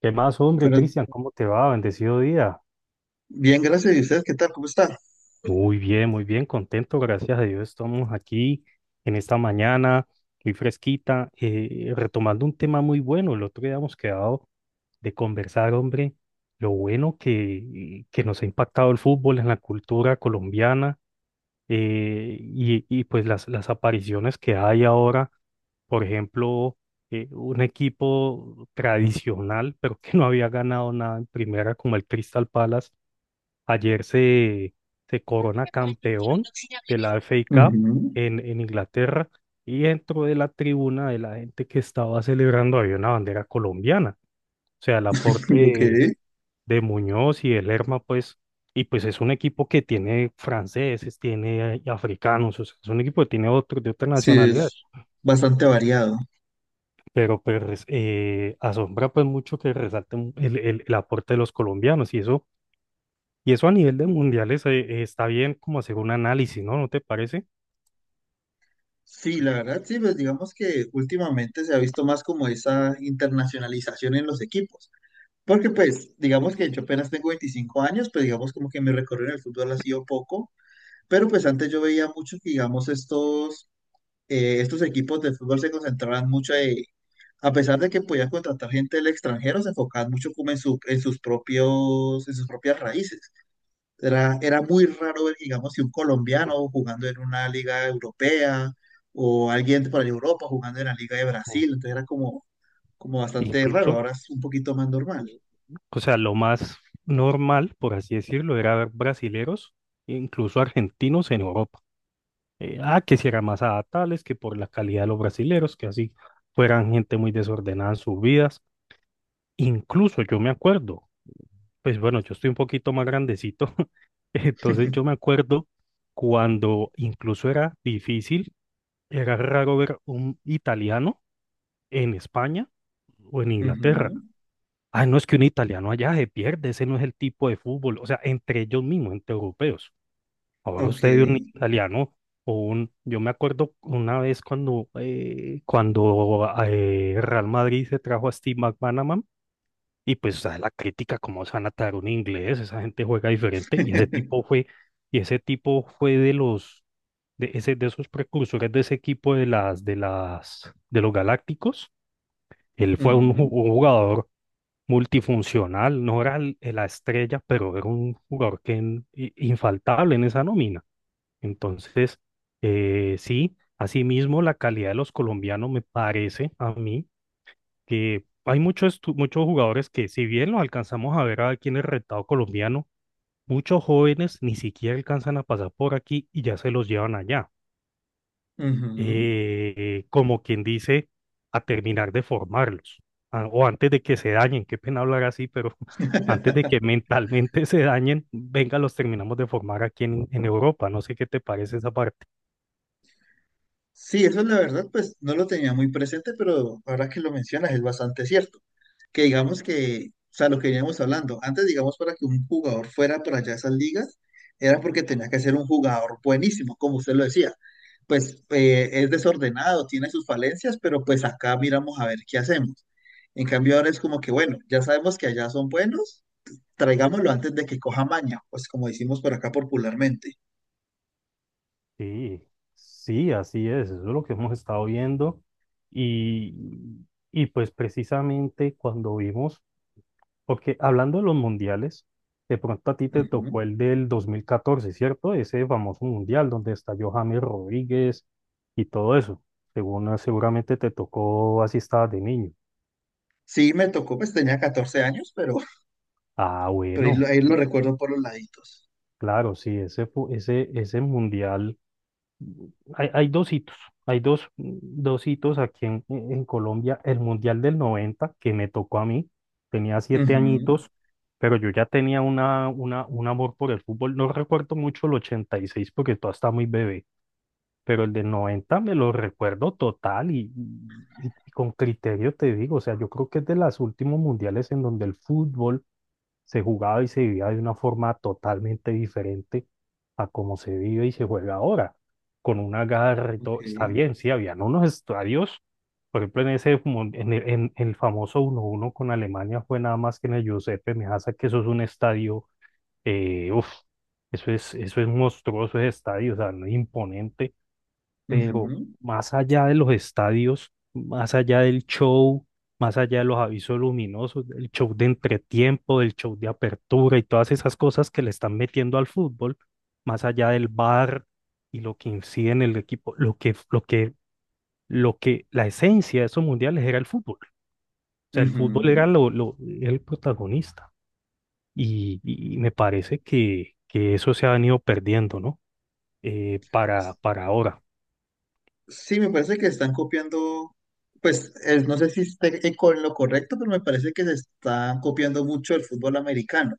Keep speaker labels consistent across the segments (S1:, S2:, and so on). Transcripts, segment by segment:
S1: ¿Qué más, hombre,
S2: Bueno,
S1: Cristian? ¿Cómo te va? Bendecido día.
S2: bien, gracias. ¿Y ustedes qué tal? ¿Cómo está?
S1: Muy bien, contento, gracias a Dios. Estamos aquí en esta mañana, muy fresquita, retomando un tema muy bueno. El otro día hemos quedado de conversar, hombre, lo bueno que nos ha impactado el fútbol en la cultura colombiana, y pues las apariciones que hay ahora. Por ejemplo, un equipo tradicional, pero que no había ganado nada en primera como el Crystal Palace. Ayer se corona campeón de la FA Cup
S2: Ujú.
S1: en Inglaterra, y dentro de la tribuna de la gente que estaba celebrando había una bandera colombiana. O sea, el aporte
S2: Ok,
S1: de Muñoz y de Lerma, pues, y pues es un equipo que tiene franceses, tiene africanos. O sea, es un equipo que tiene otros de otra
S2: sí,
S1: nacionalidad,
S2: es bastante variado.
S1: pero pues, asombra pues mucho que resalten el aporte de los colombianos y eso. Y eso a nivel de mundiales, está bien como hacer un análisis, ¿no? ¿No te parece?
S2: Sí, la verdad, sí, pues digamos que últimamente se ha visto más como esa internacionalización en los equipos. Porque pues, digamos que yo apenas tengo 25 años, pues digamos como que mi recorrido en el fútbol ha sido poco. Pero pues antes yo veía mucho que, digamos, estos equipos de fútbol se concentraban mucho en, a pesar de que podían contratar gente del extranjero, se enfocaban mucho como en su, en sus propios, en sus propias raíces. Era muy raro ver, digamos, si un colombiano jugando en una liga europea o alguien por ahí de Europa jugando en la liga de
S1: O
S2: Brasil. Entonces era como bastante raro.
S1: Incluso,
S2: Ahora es un poquito más normal.
S1: o sea, lo más normal, por así decirlo, era ver brasileros, incluso argentinos en Europa. Que si era más adaptables, que por la calidad de los brasileros, que así fueran gente muy desordenada en sus vidas. Incluso yo me acuerdo, pues bueno, yo estoy un poquito más grandecito, entonces yo me acuerdo cuando incluso era difícil, era raro ver un italiano en España o en Inglaterra.
S2: Ujú.
S1: Ah, no, es que un italiano allá se pierde, ese no es el tipo de fútbol. O sea, entre ellos mismos, entre europeos. Ahora
S2: Ok.
S1: usted ve un italiano. Yo me acuerdo una vez cuando Real Madrid se trajo a Steve McManaman, y pues, o sea, la crítica, cómo se van a traer un inglés, esa gente juega diferente. y ese tipo fue, y ese tipo fue de esos precursores de ese equipo de los Galácticos. Él fue un ju-
S2: Ujú,
S1: un jugador multifuncional. No era la estrella, pero era un jugador que infaltable en esa nómina. Entonces, sí, asimismo la calidad de los colombianos me parece a mí que hay muchos jugadores que, si bien los alcanzamos a ver aquí en el retado colombiano, muchos jóvenes ni siquiera alcanzan a pasar por aquí y ya se los llevan allá.
S2: ujú.
S1: Como quien dice, a terminar de formarlos, o antes de que se dañen, qué pena hablar así, pero antes de que mentalmente se dañen, venga, los terminamos de formar aquí en Europa. No sé qué te parece esa parte.
S2: Sí, eso es la verdad, pues no lo tenía muy presente, pero ahora que lo mencionas es bastante cierto. Que digamos que, o sea, lo que veníamos hablando, antes digamos para que un jugador fuera para allá a esas ligas, era porque tenía que ser un jugador buenísimo, como usted lo decía. Pues es desordenado, tiene sus falencias, pero pues acá miramos a ver qué hacemos. En cambio ahora es como que, bueno, ya sabemos que allá son buenos, traigámoslo antes de que coja maña, pues como decimos por acá popularmente.
S1: Sí, sí, así es. Eso es lo que hemos estado viendo, y pues precisamente cuando vimos. Porque hablando de los mundiales, de pronto a ti te tocó
S2: Ujú.
S1: el del 2014, ¿cierto? Ese famoso mundial donde estalló James Rodríguez y todo eso. Según seguramente te tocó, así estabas de niño.
S2: Sí, me tocó, pues tenía 14 años. pero
S1: Ah,
S2: Pero
S1: bueno,
S2: ahí lo recuerdo por los laditos.
S1: claro, sí, ese mundial. Hay dos hitos, hay dos hitos aquí en Colombia. El Mundial del 90 que me tocó a mí, tenía siete
S2: Ujú.
S1: añitos, pero yo ya tenía un amor por el fútbol. No recuerdo mucho el 86 porque todavía está muy bebé, pero el del 90 me lo recuerdo total y con criterio te digo, o sea, yo creo que es de los últimos mundiales en donde el fútbol se jugaba y se vivía de una forma totalmente diferente a como se vive y se juega ahora, con una garra y
S2: Ok.
S1: todo. Está bien, sí, habían unos estadios. Por ejemplo, en ese, mon- en el famoso 1-1 con Alemania fue nada más que en el Giuseppe Meazza, que eso es un estadio. eh, uf, Eso es, eso es monstruoso ese estadio. O sea, no es imponente, pero
S2: Ujú,
S1: más allá de los estadios, más allá del show, más allá de los avisos luminosos, del show de entretiempo, del show de apertura y todas esas cosas que le están metiendo al fútbol, más allá del bar y lo que incide en el equipo, la esencia de esos mundiales era el fútbol. O sea, el fútbol
S2: ujú.
S1: era el protagonista. Y me parece que eso se ha venido perdiendo, ¿no? Para ahora.
S2: Sí, me parece que están copiando, pues no sé si esté con lo correcto, pero me parece que se está copiando mucho el fútbol americano,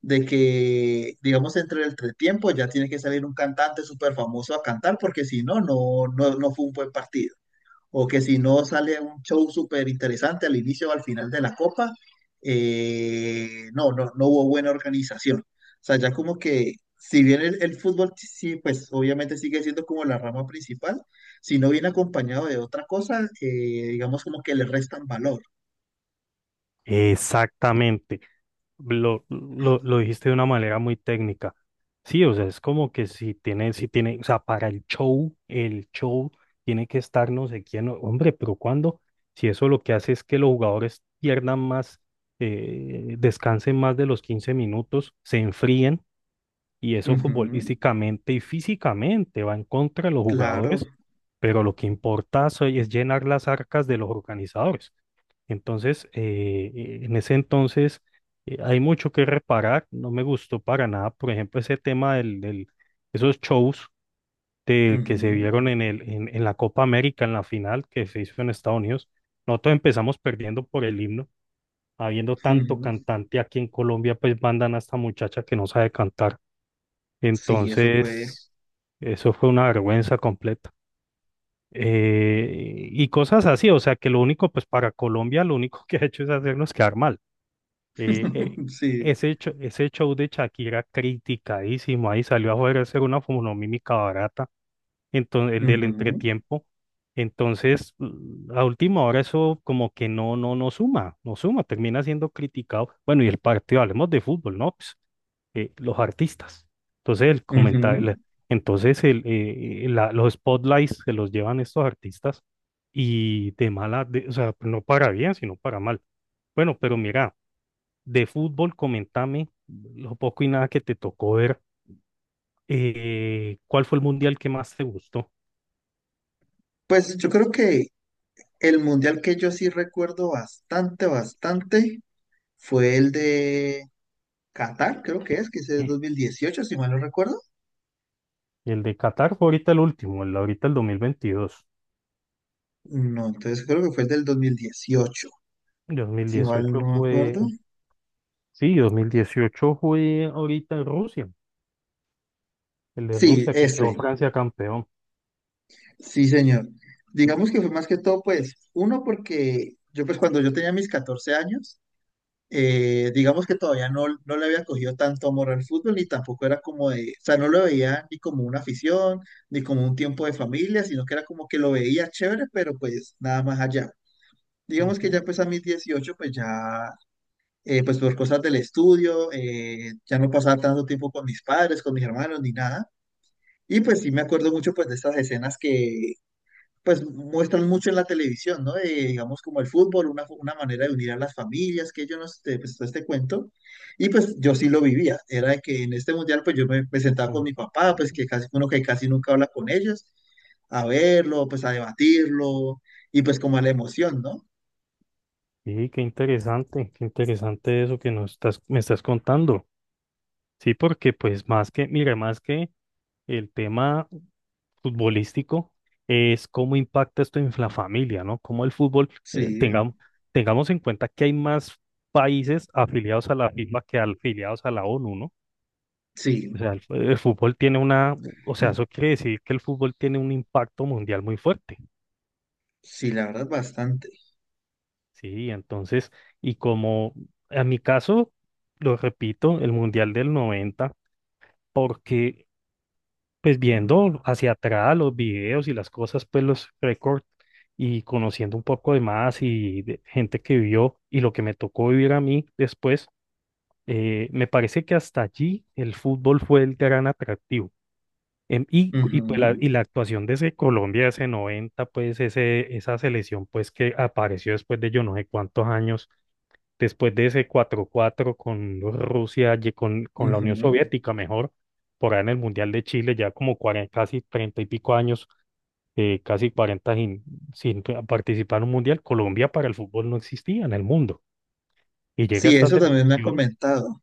S2: de que, digamos, entre el entretiempo ya tiene que salir un cantante súper famoso a cantar, porque si no, no, no, no fue un buen partido. O que si no sale un show súper interesante al inicio o al final de la copa, no, no, no hubo buena organización. O sea, ya como que, si bien el fútbol sí, sí, pues obviamente sigue siendo como la rama principal, si no viene acompañado de otra cosa, digamos como que le restan valor.
S1: Exactamente. Lo dijiste de una manera muy técnica. Sí, o sea, es como que si tiene, si tiene, o sea, para el show tiene que estar no sé quién, hombre, pero ¿cuándo? Si eso lo que hace es que los jugadores pierdan más, descansen más de los 15 minutos, se enfríen. Y eso
S2: Ujú,
S1: futbolísticamente y físicamente va en contra de los
S2: claro.
S1: jugadores, pero lo que importa es llenar las arcas de los organizadores. Entonces, en ese entonces, hay mucho que reparar. No me gustó para nada, por ejemplo, ese tema del esos shows que se
S2: Ujú,
S1: vieron en la Copa América, en la final que se hizo en Estados Unidos. Nosotros empezamos perdiendo por el himno, habiendo tanto
S2: ujú.
S1: cantante aquí en Colombia, pues mandan a esta muchacha que no sabe cantar.
S2: Sí, eso fue.
S1: Entonces, eso fue una vergüenza completa. Y cosas así, o sea, que lo único, pues, para Colombia lo único que ha hecho es hacernos quedar mal. Eh, eh,
S2: Sí.
S1: ese hecho, ese show de Shakira criticadísimo, ahí salió a joder a hacer una fonomímica barata. Entonces, el del
S2: Ujú,
S1: entretiempo. Entonces, a última hora eso como que no suma, termina siendo criticado. Bueno, y el partido, hablemos de fútbol, ¿no? Pues, los artistas. Entonces, el comentario,
S2: ujú.
S1: entonces el, los spotlights se los llevan estos artistas. Y de mala, o sea, no para bien, sino para mal. Bueno, pero mira, de fútbol, comentame lo poco y nada que te tocó ver. ¿Cuál fue el mundial que más te gustó?
S2: Pues yo creo que el mundial que yo sí recuerdo bastante, bastante fue el de Qatar, creo que es, que ese es 2018, si mal no recuerdo.
S1: Y el de Qatar fue ahorita el último, el ahorita el 2022.
S2: No, entonces creo que fue el del 2018,
S1: Dos mil
S2: si mal no
S1: dieciocho
S2: me
S1: fue,
S2: acuerdo.
S1: sí, 2018 fue ahorita en Rusia, el de
S2: Sí,
S1: Rusia que quedó
S2: ese,
S1: Francia campeón.
S2: sí, señor. Digamos que fue más que todo, pues, uno, porque yo, pues, cuando yo tenía mis 14 años, digamos que todavía no le había cogido tanto amor al fútbol, ni tampoco era como de, o sea, no lo veía ni como una afición, ni como un tiempo de familia, sino que era como que lo veía chévere, pero pues nada más allá. Digamos que ya
S1: Ujú,
S2: pues a mis 18 pues ya, pues por cosas del estudio, ya no pasaba tanto tiempo con mis padres, con mis hermanos, ni nada. Y pues sí me acuerdo mucho pues de estas escenas que pues muestran mucho en la televisión, ¿no? Digamos como el fútbol, una manera de unir a las familias, que yo no sé, pues todo este cuento. Y pues yo sí lo vivía, era de que en este mundial pues yo me sentaba con
S1: ujú.
S2: mi papá, pues que casi uno que casi nunca habla con ellos, a verlo, pues a debatirlo, y pues como a la emoción, ¿no?
S1: Sí, qué interesante eso que nos estás, me estás contando. Sí, porque pues más que, mira, más que el tema futbolístico es cómo impacta esto en la familia, ¿no? Cómo el fútbol,
S2: Sí,
S1: tengamos en cuenta que hay más países afiliados a la FIFA que afiliados a la ONU, ¿no?
S2: sí,
S1: O sea, el, el fútbol tiene una, o sea, eso quiere decir que el fútbol tiene un impacto mundial muy fuerte,
S2: sí, la verdad bastante.
S1: ¿sí? Entonces, y como en mi caso, lo repito, el Mundial del noventa, porque pues viendo hacia atrás los videos y las cosas, pues los récords y conociendo un poco de más y de gente que vivió y lo que me tocó vivir a mí después, me parece que hasta allí el fútbol fue el gran atractivo. Pues la, y
S2: Ujú,
S1: la actuación de ese Colombia, ese 90 pues ese, esa selección pues que apareció después de yo no sé cuántos años después de ese 4-4 con Rusia, con la Unión
S2: ujú.
S1: Soviética, mejor, por ahí en el Mundial de Chile, ya como 40 casi 30 y pico años, casi 40 sin participar en un Mundial. Colombia para el fútbol no existía en el mundo. Y llega
S2: Sí,
S1: esta
S2: eso también me ha
S1: selección,
S2: comentado.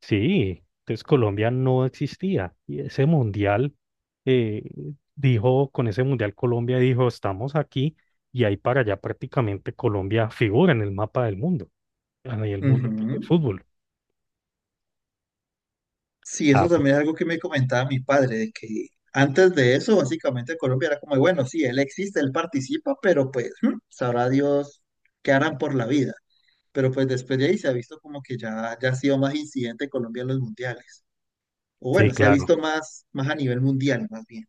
S1: sí. Entonces Colombia no existía. Y ese Mundial, eh, dijo, con ese Mundial Colombia dijo, estamos aquí. Y ahí para allá prácticamente Colombia figura en el mapa del mundo, a nivel mundo, que es
S2: Ujú.
S1: fútbol.
S2: Sí, eso
S1: Ah.
S2: también es algo que me comentaba mi padre, de que antes de eso, básicamente Colombia era como, bueno, sí, él existe, él participa, pero pues sabrá Dios qué harán por la vida. Pero pues después de ahí se ha visto como que ya, ya ha sido más incidente Colombia en los mundiales. O
S1: Sí,
S2: bueno, se ha
S1: claro.
S2: visto más, más a nivel mundial, más bien.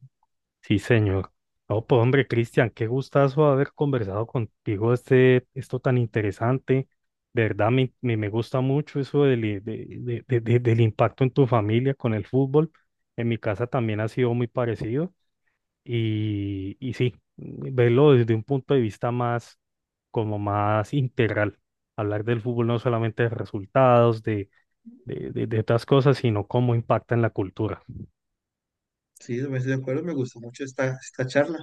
S1: Sí, señor. Oh, pues hombre, Cristian, qué gustazo haber conversado contigo este, esto tan interesante. De verdad, me gusta mucho eso del, i- de- del impacto en tu familia con el fútbol. En mi casa también ha sido muy parecido. Y sí, verlo desde un punto de vista más, como más integral. Hablar del fútbol no solamente de resultados, de otras cosas, sino cómo impacta en la cultura.
S2: Sí, me estoy de acuerdo, me gustó mucho esta charla.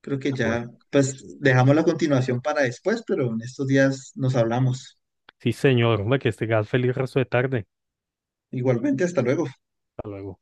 S2: Creo que
S1: Bueno.
S2: ya, pues dejamos la continuación para después, pero en estos días nos hablamos.
S1: Sí, señor. Hombre, que esté feliz resto de tarde.
S2: Igualmente, hasta luego.
S1: Hasta luego.